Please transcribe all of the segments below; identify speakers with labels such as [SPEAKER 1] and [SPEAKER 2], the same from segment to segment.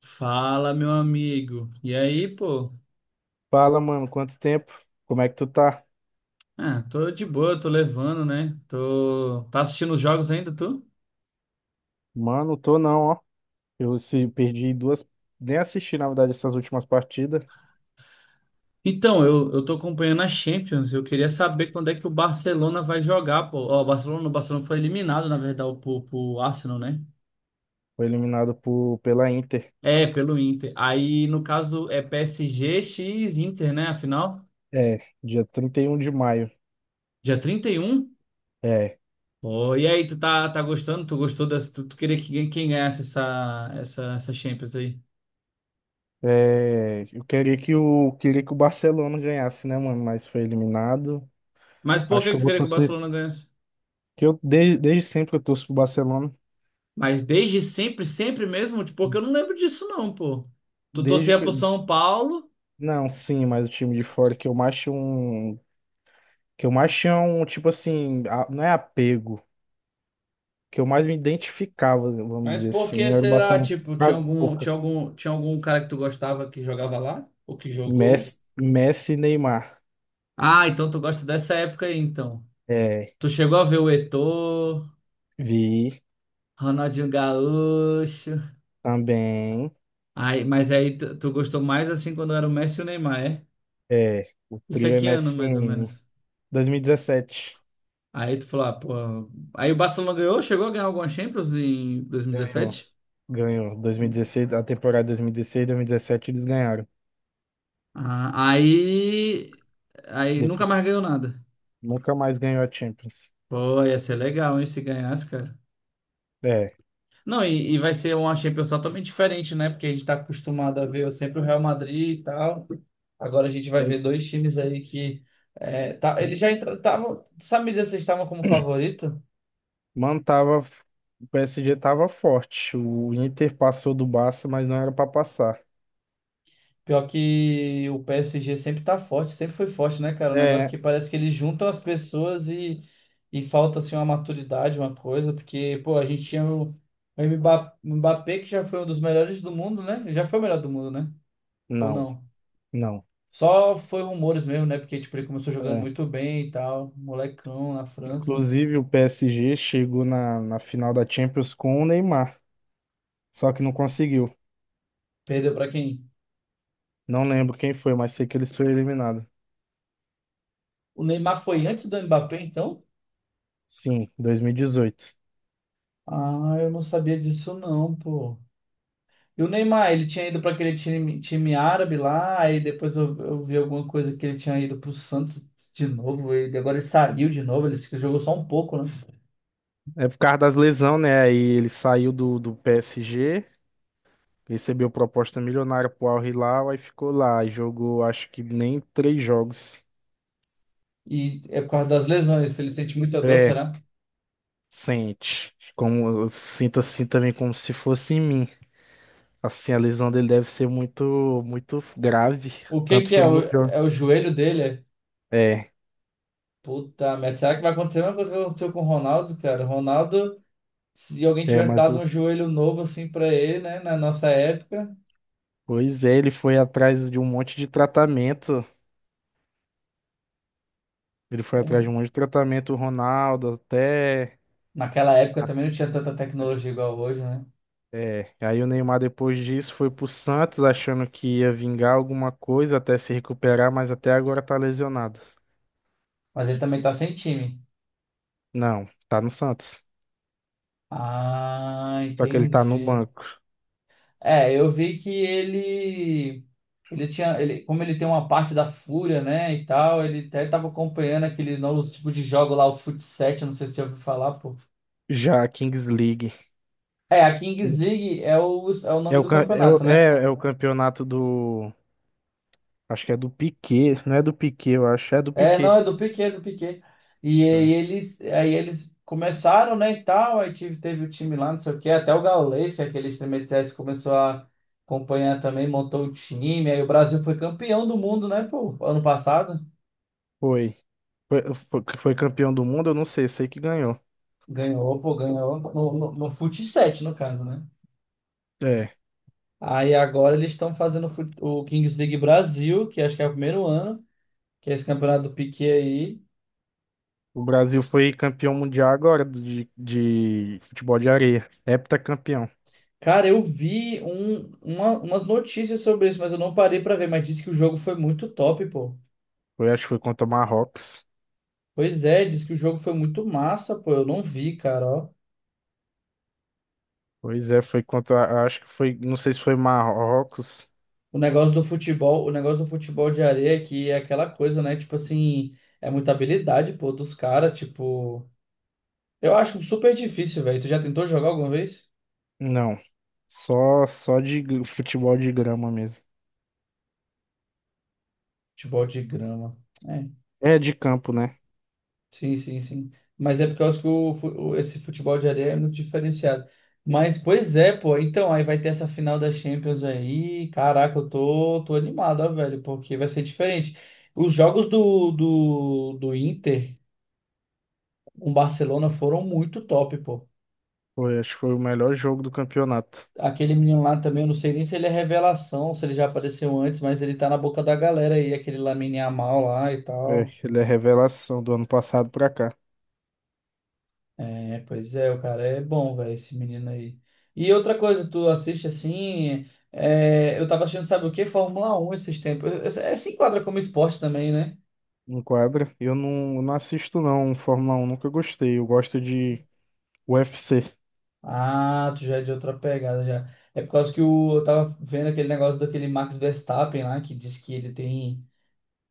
[SPEAKER 1] Fala, meu amigo. E aí, pô?
[SPEAKER 2] Fala, mano, quanto tempo? Como é que tu tá?
[SPEAKER 1] Ah, tô de boa, tô levando, né? Tô... Tá assistindo os jogos ainda, tu?
[SPEAKER 2] Mano, tô não, ó. Eu se perdi duas, nem assisti, na verdade, essas últimas partidas.
[SPEAKER 1] Então, eu tô acompanhando a Champions. Eu queria saber quando é que o Barcelona vai jogar, pô. Ó, o Barcelona foi eliminado, na verdade, pro Arsenal, né?
[SPEAKER 2] Foi eliminado por, pela Inter.
[SPEAKER 1] É, pelo Inter. Aí, no caso, é PSG x Inter, né? Afinal,
[SPEAKER 2] É, dia 31 de maio.
[SPEAKER 1] dia trinta e um.
[SPEAKER 2] É,
[SPEAKER 1] Pô, e aí, tá gostando? Tu gostou dessa? Tu queria que quem ganhasse essa Champions aí?
[SPEAKER 2] é, eu queria que o Barcelona ganhasse, né, mano? Mas foi eliminado.
[SPEAKER 1] Mas por
[SPEAKER 2] Acho
[SPEAKER 1] que
[SPEAKER 2] que
[SPEAKER 1] que
[SPEAKER 2] eu
[SPEAKER 1] tu
[SPEAKER 2] vou
[SPEAKER 1] queria que o
[SPEAKER 2] torcer,
[SPEAKER 1] Barcelona ganhasse?
[SPEAKER 2] que eu desde sempre que eu torço pro Barcelona.
[SPEAKER 1] Mas desde sempre, sempre mesmo, tipo, porque eu não lembro disso não, pô. Tu
[SPEAKER 2] Desde
[SPEAKER 1] torcia
[SPEAKER 2] que,
[SPEAKER 1] pro São Paulo,
[SPEAKER 2] não, sim, mas o time de fora que eu mais tinha um, que eu mais tinha um, tipo assim, não é apego. Que eu mais me identificava, vamos
[SPEAKER 1] mas
[SPEAKER 2] dizer
[SPEAKER 1] por que
[SPEAKER 2] assim, era o
[SPEAKER 1] será?
[SPEAKER 2] Barcelona.
[SPEAKER 1] Tipo,
[SPEAKER 2] Ah, porra,
[SPEAKER 1] tinha algum cara que tu gostava que jogava lá? Ou que jogou?
[SPEAKER 2] Messi e Neymar.
[SPEAKER 1] Ah, então tu gosta dessa época aí, então.
[SPEAKER 2] É,
[SPEAKER 1] Tu chegou a ver o Eto'o,
[SPEAKER 2] vi
[SPEAKER 1] Ronaldinho Gaúcho.
[SPEAKER 2] também.
[SPEAKER 1] Aí, mas aí tu gostou mais assim quando era o Messi e o Neymar, é?
[SPEAKER 2] É, o
[SPEAKER 1] Isso é
[SPEAKER 2] trio
[SPEAKER 1] que ano, mais ou
[SPEAKER 2] MSN.
[SPEAKER 1] menos.
[SPEAKER 2] 2017.
[SPEAKER 1] Aí tu falou, ah, pô. Aí o Barcelona ganhou, chegou a ganhar alguma Champions em
[SPEAKER 2] Ganhou.
[SPEAKER 1] 2017?
[SPEAKER 2] Ganhou. 2016, a temporada 2016, 2017 eles ganharam.
[SPEAKER 1] Ah, aí, aí nunca
[SPEAKER 2] Depois,
[SPEAKER 1] mais ganhou nada.
[SPEAKER 2] nunca mais ganhou a Champions.
[SPEAKER 1] Pô, ia ser legal, hein, se ganhasse, cara.
[SPEAKER 2] É.
[SPEAKER 1] Não, e vai ser uma Champions totalmente diferente, né? Porque a gente tá acostumado a ver sempre o Real Madrid e tal. Agora a gente vai
[SPEAKER 2] foi-
[SPEAKER 1] ver dois times aí que. É, tá, eles já entraram. Sabe me dizer se eles estavam como favorito?
[SPEAKER 2] Mano, tava, o PSG tava forte. O Inter passou do Barça, mas não era pra passar.
[SPEAKER 1] Pior que o PSG sempre tá forte, sempre foi forte, né, cara? Um negócio
[SPEAKER 2] É,
[SPEAKER 1] que parece que eles juntam as pessoas e falta, assim, uma maturidade, uma coisa, porque, pô, a gente tinha o Mbappé, que já foi um dos melhores do mundo, né? Ele já foi o melhor do mundo, né? Ou
[SPEAKER 2] não,
[SPEAKER 1] não?
[SPEAKER 2] não.
[SPEAKER 1] Só foi rumores mesmo, né? Porque, tipo, ele começou jogando
[SPEAKER 2] É.
[SPEAKER 1] muito bem e tal, molecão na França.
[SPEAKER 2] Inclusive, o PSG chegou na final da Champions com o Neymar, só que não conseguiu.
[SPEAKER 1] Perdeu pra quem?
[SPEAKER 2] Não lembro quem foi, mas sei que eles foram eliminados.
[SPEAKER 1] O Neymar foi antes do Mbappé, então?
[SPEAKER 2] Sim, 2018.
[SPEAKER 1] Ah, eu não sabia disso não, pô. E o Neymar, ele tinha ido para aquele time árabe lá, aí depois eu vi alguma coisa que ele tinha ido para o Santos de novo, e agora ele saiu de novo, ele se- jogou só um pouco, né?
[SPEAKER 2] É por causa das lesões, né? Aí ele saiu do PSG, recebeu proposta milionária pro Al Hilal, aí ficou lá e jogou acho que nem 3 jogos.
[SPEAKER 1] E é por causa das lesões, ele sente muita dor,
[SPEAKER 2] É,
[SPEAKER 1] será?
[SPEAKER 2] sente. Como, eu sinto assim também como se fosse em mim. Assim, a lesão dele deve ser muito, muito grave,
[SPEAKER 1] O que
[SPEAKER 2] tanto
[SPEAKER 1] que
[SPEAKER 2] que ele não joga.
[SPEAKER 1] é o joelho dele? É?
[SPEAKER 2] É.
[SPEAKER 1] Puta merda, será que vai acontecer a mesma coisa que aconteceu com o Ronaldo, cara? O Ronaldo, se alguém
[SPEAKER 2] É,
[SPEAKER 1] tivesse
[SPEAKER 2] mas
[SPEAKER 1] dado um joelho novo assim para ele, né, na nossa época,
[SPEAKER 2] pois é, ele foi atrás de um monte de tratamento. Ele foi atrás de
[SPEAKER 1] é,
[SPEAKER 2] um monte de tratamento, o Ronaldo, até.
[SPEAKER 1] naquela época também não tinha tanta
[SPEAKER 2] até-
[SPEAKER 1] tecnologia igual hoje, né?
[SPEAKER 2] É. Aí o Neymar, depois disso, foi pro Santos, achando que ia vingar alguma coisa até se recuperar, mas até agora tá lesionado.
[SPEAKER 1] Mas ele também tá sem time.
[SPEAKER 2] Não, tá no Santos.
[SPEAKER 1] Ah,
[SPEAKER 2] Só que ele tá no
[SPEAKER 1] entendi.
[SPEAKER 2] banco.
[SPEAKER 1] É, eu vi que ele tinha, ele, como ele tem uma parte da fúria, né, e tal, ele até tava acompanhando aquele novo tipo de jogo lá, o fut 7, não sei se você já ouviu falar, pô.
[SPEAKER 2] Já, a Kings League.
[SPEAKER 1] É, a Kings
[SPEAKER 2] Que
[SPEAKER 1] League é é o
[SPEAKER 2] É
[SPEAKER 1] nome
[SPEAKER 2] o,
[SPEAKER 1] do campeonato, né?
[SPEAKER 2] é o campeonato do. Acho que é do Piquet. Não é do Piquet, eu acho. É do
[SPEAKER 1] É,
[SPEAKER 2] Piquet.
[SPEAKER 1] não, é do Piquet, do Piquet. E
[SPEAKER 2] É.
[SPEAKER 1] aí eles começaram, né, e tal, teve o time lá, não sei o quê, até o Gaules, que é aquele streamer de CS, começou a acompanhar também, montou o time, aí o Brasil foi campeão do mundo, né, pô, ano passado.
[SPEAKER 2] Foi. Foi campeão do mundo, eu não sei, sei que ganhou.
[SPEAKER 1] Ganhou, pô, ganhou no Fut 7, no caso, né?
[SPEAKER 2] É.
[SPEAKER 1] Aí agora eles estão fazendo o Kings League Brasil, que acho que é o primeiro ano, que é esse campeonato do Piquet aí.
[SPEAKER 2] O Brasil foi campeão mundial agora de futebol de areia. Heptacampeão.
[SPEAKER 1] Cara, eu vi umas notícias sobre isso, mas eu não parei pra ver. Mas disse que o jogo foi muito top, pô.
[SPEAKER 2] Foi, acho que foi contra o Marrocos.
[SPEAKER 1] Pois é, disse que o jogo foi muito massa, pô. Eu não vi, cara, ó.
[SPEAKER 2] Pois é, foi contra. Acho que foi. Não sei se foi Marrocos.
[SPEAKER 1] O negócio do futebol, o negócio do futebol de areia que é aquela coisa, né? Tipo assim, é muita habilidade, pô, dos caras, tipo. Eu acho super difícil, velho. Tu já tentou jogar alguma vez?
[SPEAKER 2] Não. Só, só futebol de grama mesmo.
[SPEAKER 1] Futebol de grama. É.
[SPEAKER 2] É de campo, né?
[SPEAKER 1] Sim, sim, sim. Mas é por causa que esse futebol de areia é muito diferenciado. Mas, pois é, pô. Então, aí vai ter essa final da Champions aí. Caraca, tô animado, ó, velho, porque vai ser diferente. Os jogos do Inter com o Barcelona foram muito top, pô.
[SPEAKER 2] Foi, acho que foi o melhor jogo do campeonato.
[SPEAKER 1] Aquele menino lá também, eu não sei nem se ele é revelação, se ele já apareceu antes, mas ele tá na boca da galera aí, aquele Lamine Yamal lá e
[SPEAKER 2] É,
[SPEAKER 1] tal.
[SPEAKER 2] ele é revelação do ano passado pra cá.
[SPEAKER 1] É, pois é, o cara é bom, velho, esse menino aí. E outra coisa, tu assiste assim. É, eu tava assistindo, sabe o quê? Fórmula Um, esses tempos. É, se enquadra como esporte também, né?
[SPEAKER 2] Enquadra. Eu não assisto, não, Fórmula um nunca gostei. Eu gosto de UFC.
[SPEAKER 1] Ah, tu já é de outra pegada já. É por causa que eu tava vendo aquele negócio daquele Max Verstappen lá, que diz que ele tem.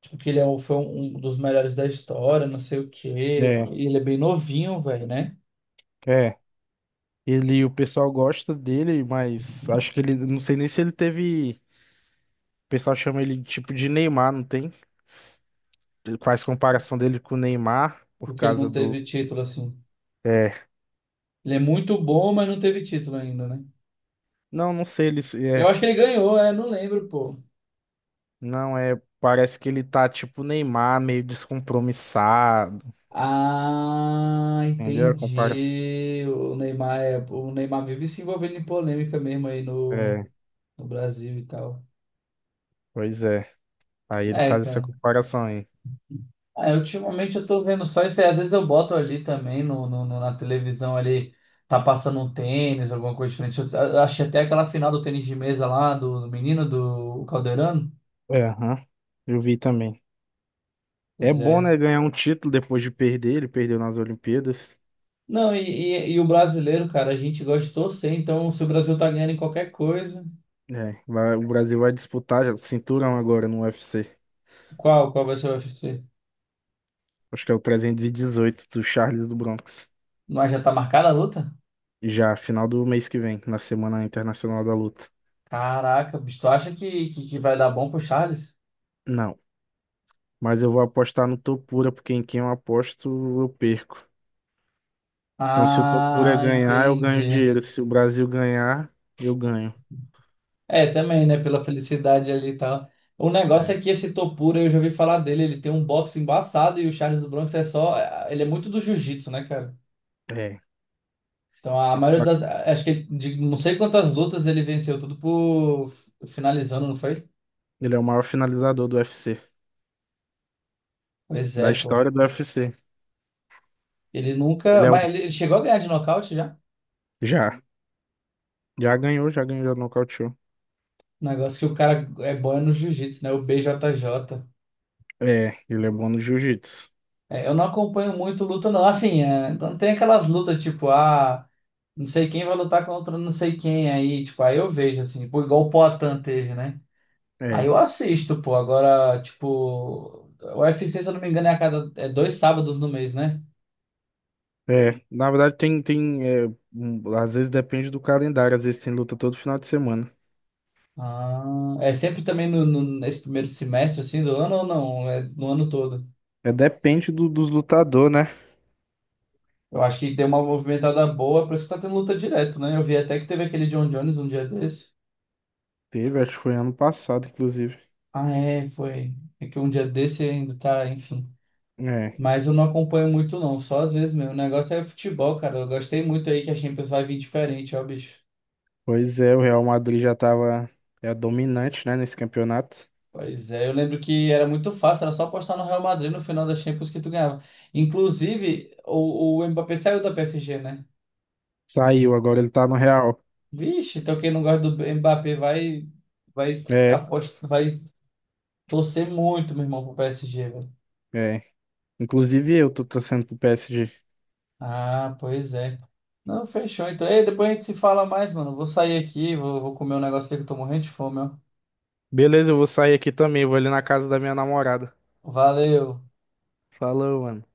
[SPEAKER 1] Tipo, que foi um dos melhores da história, não sei o quê.
[SPEAKER 2] É,
[SPEAKER 1] E ele é bem novinho, velho, né?
[SPEAKER 2] é. Ele, o pessoal gosta dele, mas acho que ele, não sei nem se ele teve, o pessoal chama ele de tipo de Neymar, não tem? S- Faz comparação dele com o Neymar por
[SPEAKER 1] Porque ele
[SPEAKER 2] causa
[SPEAKER 1] não
[SPEAKER 2] do,
[SPEAKER 1] teve título assim.
[SPEAKER 2] é,
[SPEAKER 1] Ele é muito bom, mas não teve título ainda, né?
[SPEAKER 2] não, não sei ele,
[SPEAKER 1] Eu
[SPEAKER 2] é,
[SPEAKER 1] acho que ele ganhou, é, não lembro, pô.
[SPEAKER 2] não, é, parece que ele tá tipo Neymar, meio descompromissado,
[SPEAKER 1] Ah,
[SPEAKER 2] entendeu? A comparação.
[SPEAKER 1] entendi. O Neymar, o Neymar vive se envolvendo em polêmica mesmo aí
[SPEAKER 2] É,
[SPEAKER 1] no Brasil e tal.
[SPEAKER 2] pois é. Aí ele
[SPEAKER 1] É,
[SPEAKER 2] faz essa
[SPEAKER 1] cara.
[SPEAKER 2] comparação aí.
[SPEAKER 1] É, ultimamente eu tô vendo só isso aí. Às vezes eu boto ali também na televisão ali, tá passando um tênis, alguma coisa diferente. Eu achei até aquela final do tênis de mesa lá, do menino, do Calderano.
[SPEAKER 2] É, aham. Eu vi também. É
[SPEAKER 1] Pois
[SPEAKER 2] bom,
[SPEAKER 1] é.
[SPEAKER 2] né, ganhar um título depois de perder, ele perdeu nas Olimpíadas.
[SPEAKER 1] Não, e o brasileiro, cara, a gente gosta de torcer, então se o Brasil tá ganhando em qualquer coisa,
[SPEAKER 2] É, o Brasil vai disputar já o cinturão agora no UFC.
[SPEAKER 1] qual vai ser o UFC?
[SPEAKER 2] Acho que é o 318 do Charles do Bronx.
[SPEAKER 1] Mas já tá marcada a luta?
[SPEAKER 2] Já, final do mês que vem, na Semana Internacional da Luta.
[SPEAKER 1] Caraca, bicho, tu acha que vai dar bom pro Charles?
[SPEAKER 2] Não, mas eu vou apostar no Topura, porque em quem eu aposto, eu perco. Então, se o Topura
[SPEAKER 1] Ah,
[SPEAKER 2] ganhar, eu ganho
[SPEAKER 1] entendi.
[SPEAKER 2] dinheiro. Se o Brasil ganhar, eu ganho.
[SPEAKER 1] É, também, né? Pela felicidade ali e tal. O negócio
[SPEAKER 2] É.
[SPEAKER 1] é que esse Topura, eu já ouvi falar dele, ele tem um boxe embaçado e o Charles do Bronx é só. É, ele é muito do jiu-jitsu, né, cara?
[SPEAKER 2] É.
[SPEAKER 1] Então a maioria
[SPEAKER 2] Só que
[SPEAKER 1] das. Acho que ele, de não sei quantas lutas ele venceu, tudo por finalizando, não foi?
[SPEAKER 2] ele é o maior finalizador do UFC,
[SPEAKER 1] Pois
[SPEAKER 2] da
[SPEAKER 1] é, pô.
[SPEAKER 2] história do UFC.
[SPEAKER 1] Ele nunca.
[SPEAKER 2] Ele é o...
[SPEAKER 1] Mas ele chegou a ganhar de nocaute já?
[SPEAKER 2] Já. Já ganhou, já nocauteou.
[SPEAKER 1] O negócio que o cara é bom é no jiu-jitsu, né? O BJJ.
[SPEAKER 2] É, ele é bom no jiu-jitsu.
[SPEAKER 1] É, eu não acompanho muito luta, não. Assim, é, quando tem aquelas lutas, tipo, ah, não sei quem vai lutar contra não sei quem aí, tipo, aí eu vejo, assim, pô, igual o Poatan teve, né? Aí
[SPEAKER 2] É.
[SPEAKER 1] eu assisto, pô. Agora, tipo, o UFC, se eu não me engano, é a cada, é dois sábados no mês, né?
[SPEAKER 2] É, na verdade tem é, um, às vezes depende do calendário, às vezes tem luta todo final de semana.
[SPEAKER 1] Ah, é sempre também nesse primeiro semestre, assim, do ano ou não? É no ano todo.
[SPEAKER 2] É, depende dos lutador, né?
[SPEAKER 1] Eu acho que deu uma movimentada boa, por isso que tá tendo luta direto, né? Eu vi até que teve aquele John Jones um dia desse.
[SPEAKER 2] Teve, acho que foi ano passado, inclusive.
[SPEAKER 1] Ah, é, foi. É que um dia desse ainda tá, enfim.
[SPEAKER 2] É,
[SPEAKER 1] Mas eu não acompanho muito, não. Só às vezes mesmo. O negócio é futebol, cara. Eu gostei muito aí que a Champions vai vir diferente, ó, bicho.
[SPEAKER 2] pois é, o Real Madrid já tava é dominante, né, nesse campeonato.
[SPEAKER 1] Pois é, eu lembro que era muito fácil, era só apostar no Real Madrid no final da Champions que tu ganhava. Inclusive, o Mbappé saiu da PSG, né?
[SPEAKER 2] Saiu, agora ele tá no Real.
[SPEAKER 1] Vixe, então quem não gosta do Mbappé vai, vai,
[SPEAKER 2] É,
[SPEAKER 1] aposta, vai torcer muito, meu irmão, pro PSG, velho.
[SPEAKER 2] é. Inclusive eu tô torcendo pro PSG.
[SPEAKER 1] Ah, pois é. Não, fechou. Então, ei, depois a gente se fala mais, mano. Vou sair aqui, vou comer um negócio aqui que eu tô morrendo de fome, ó.
[SPEAKER 2] Beleza, eu vou sair aqui também, eu vou ali na casa da minha namorada.
[SPEAKER 1] Valeu.
[SPEAKER 2] Falou, mano.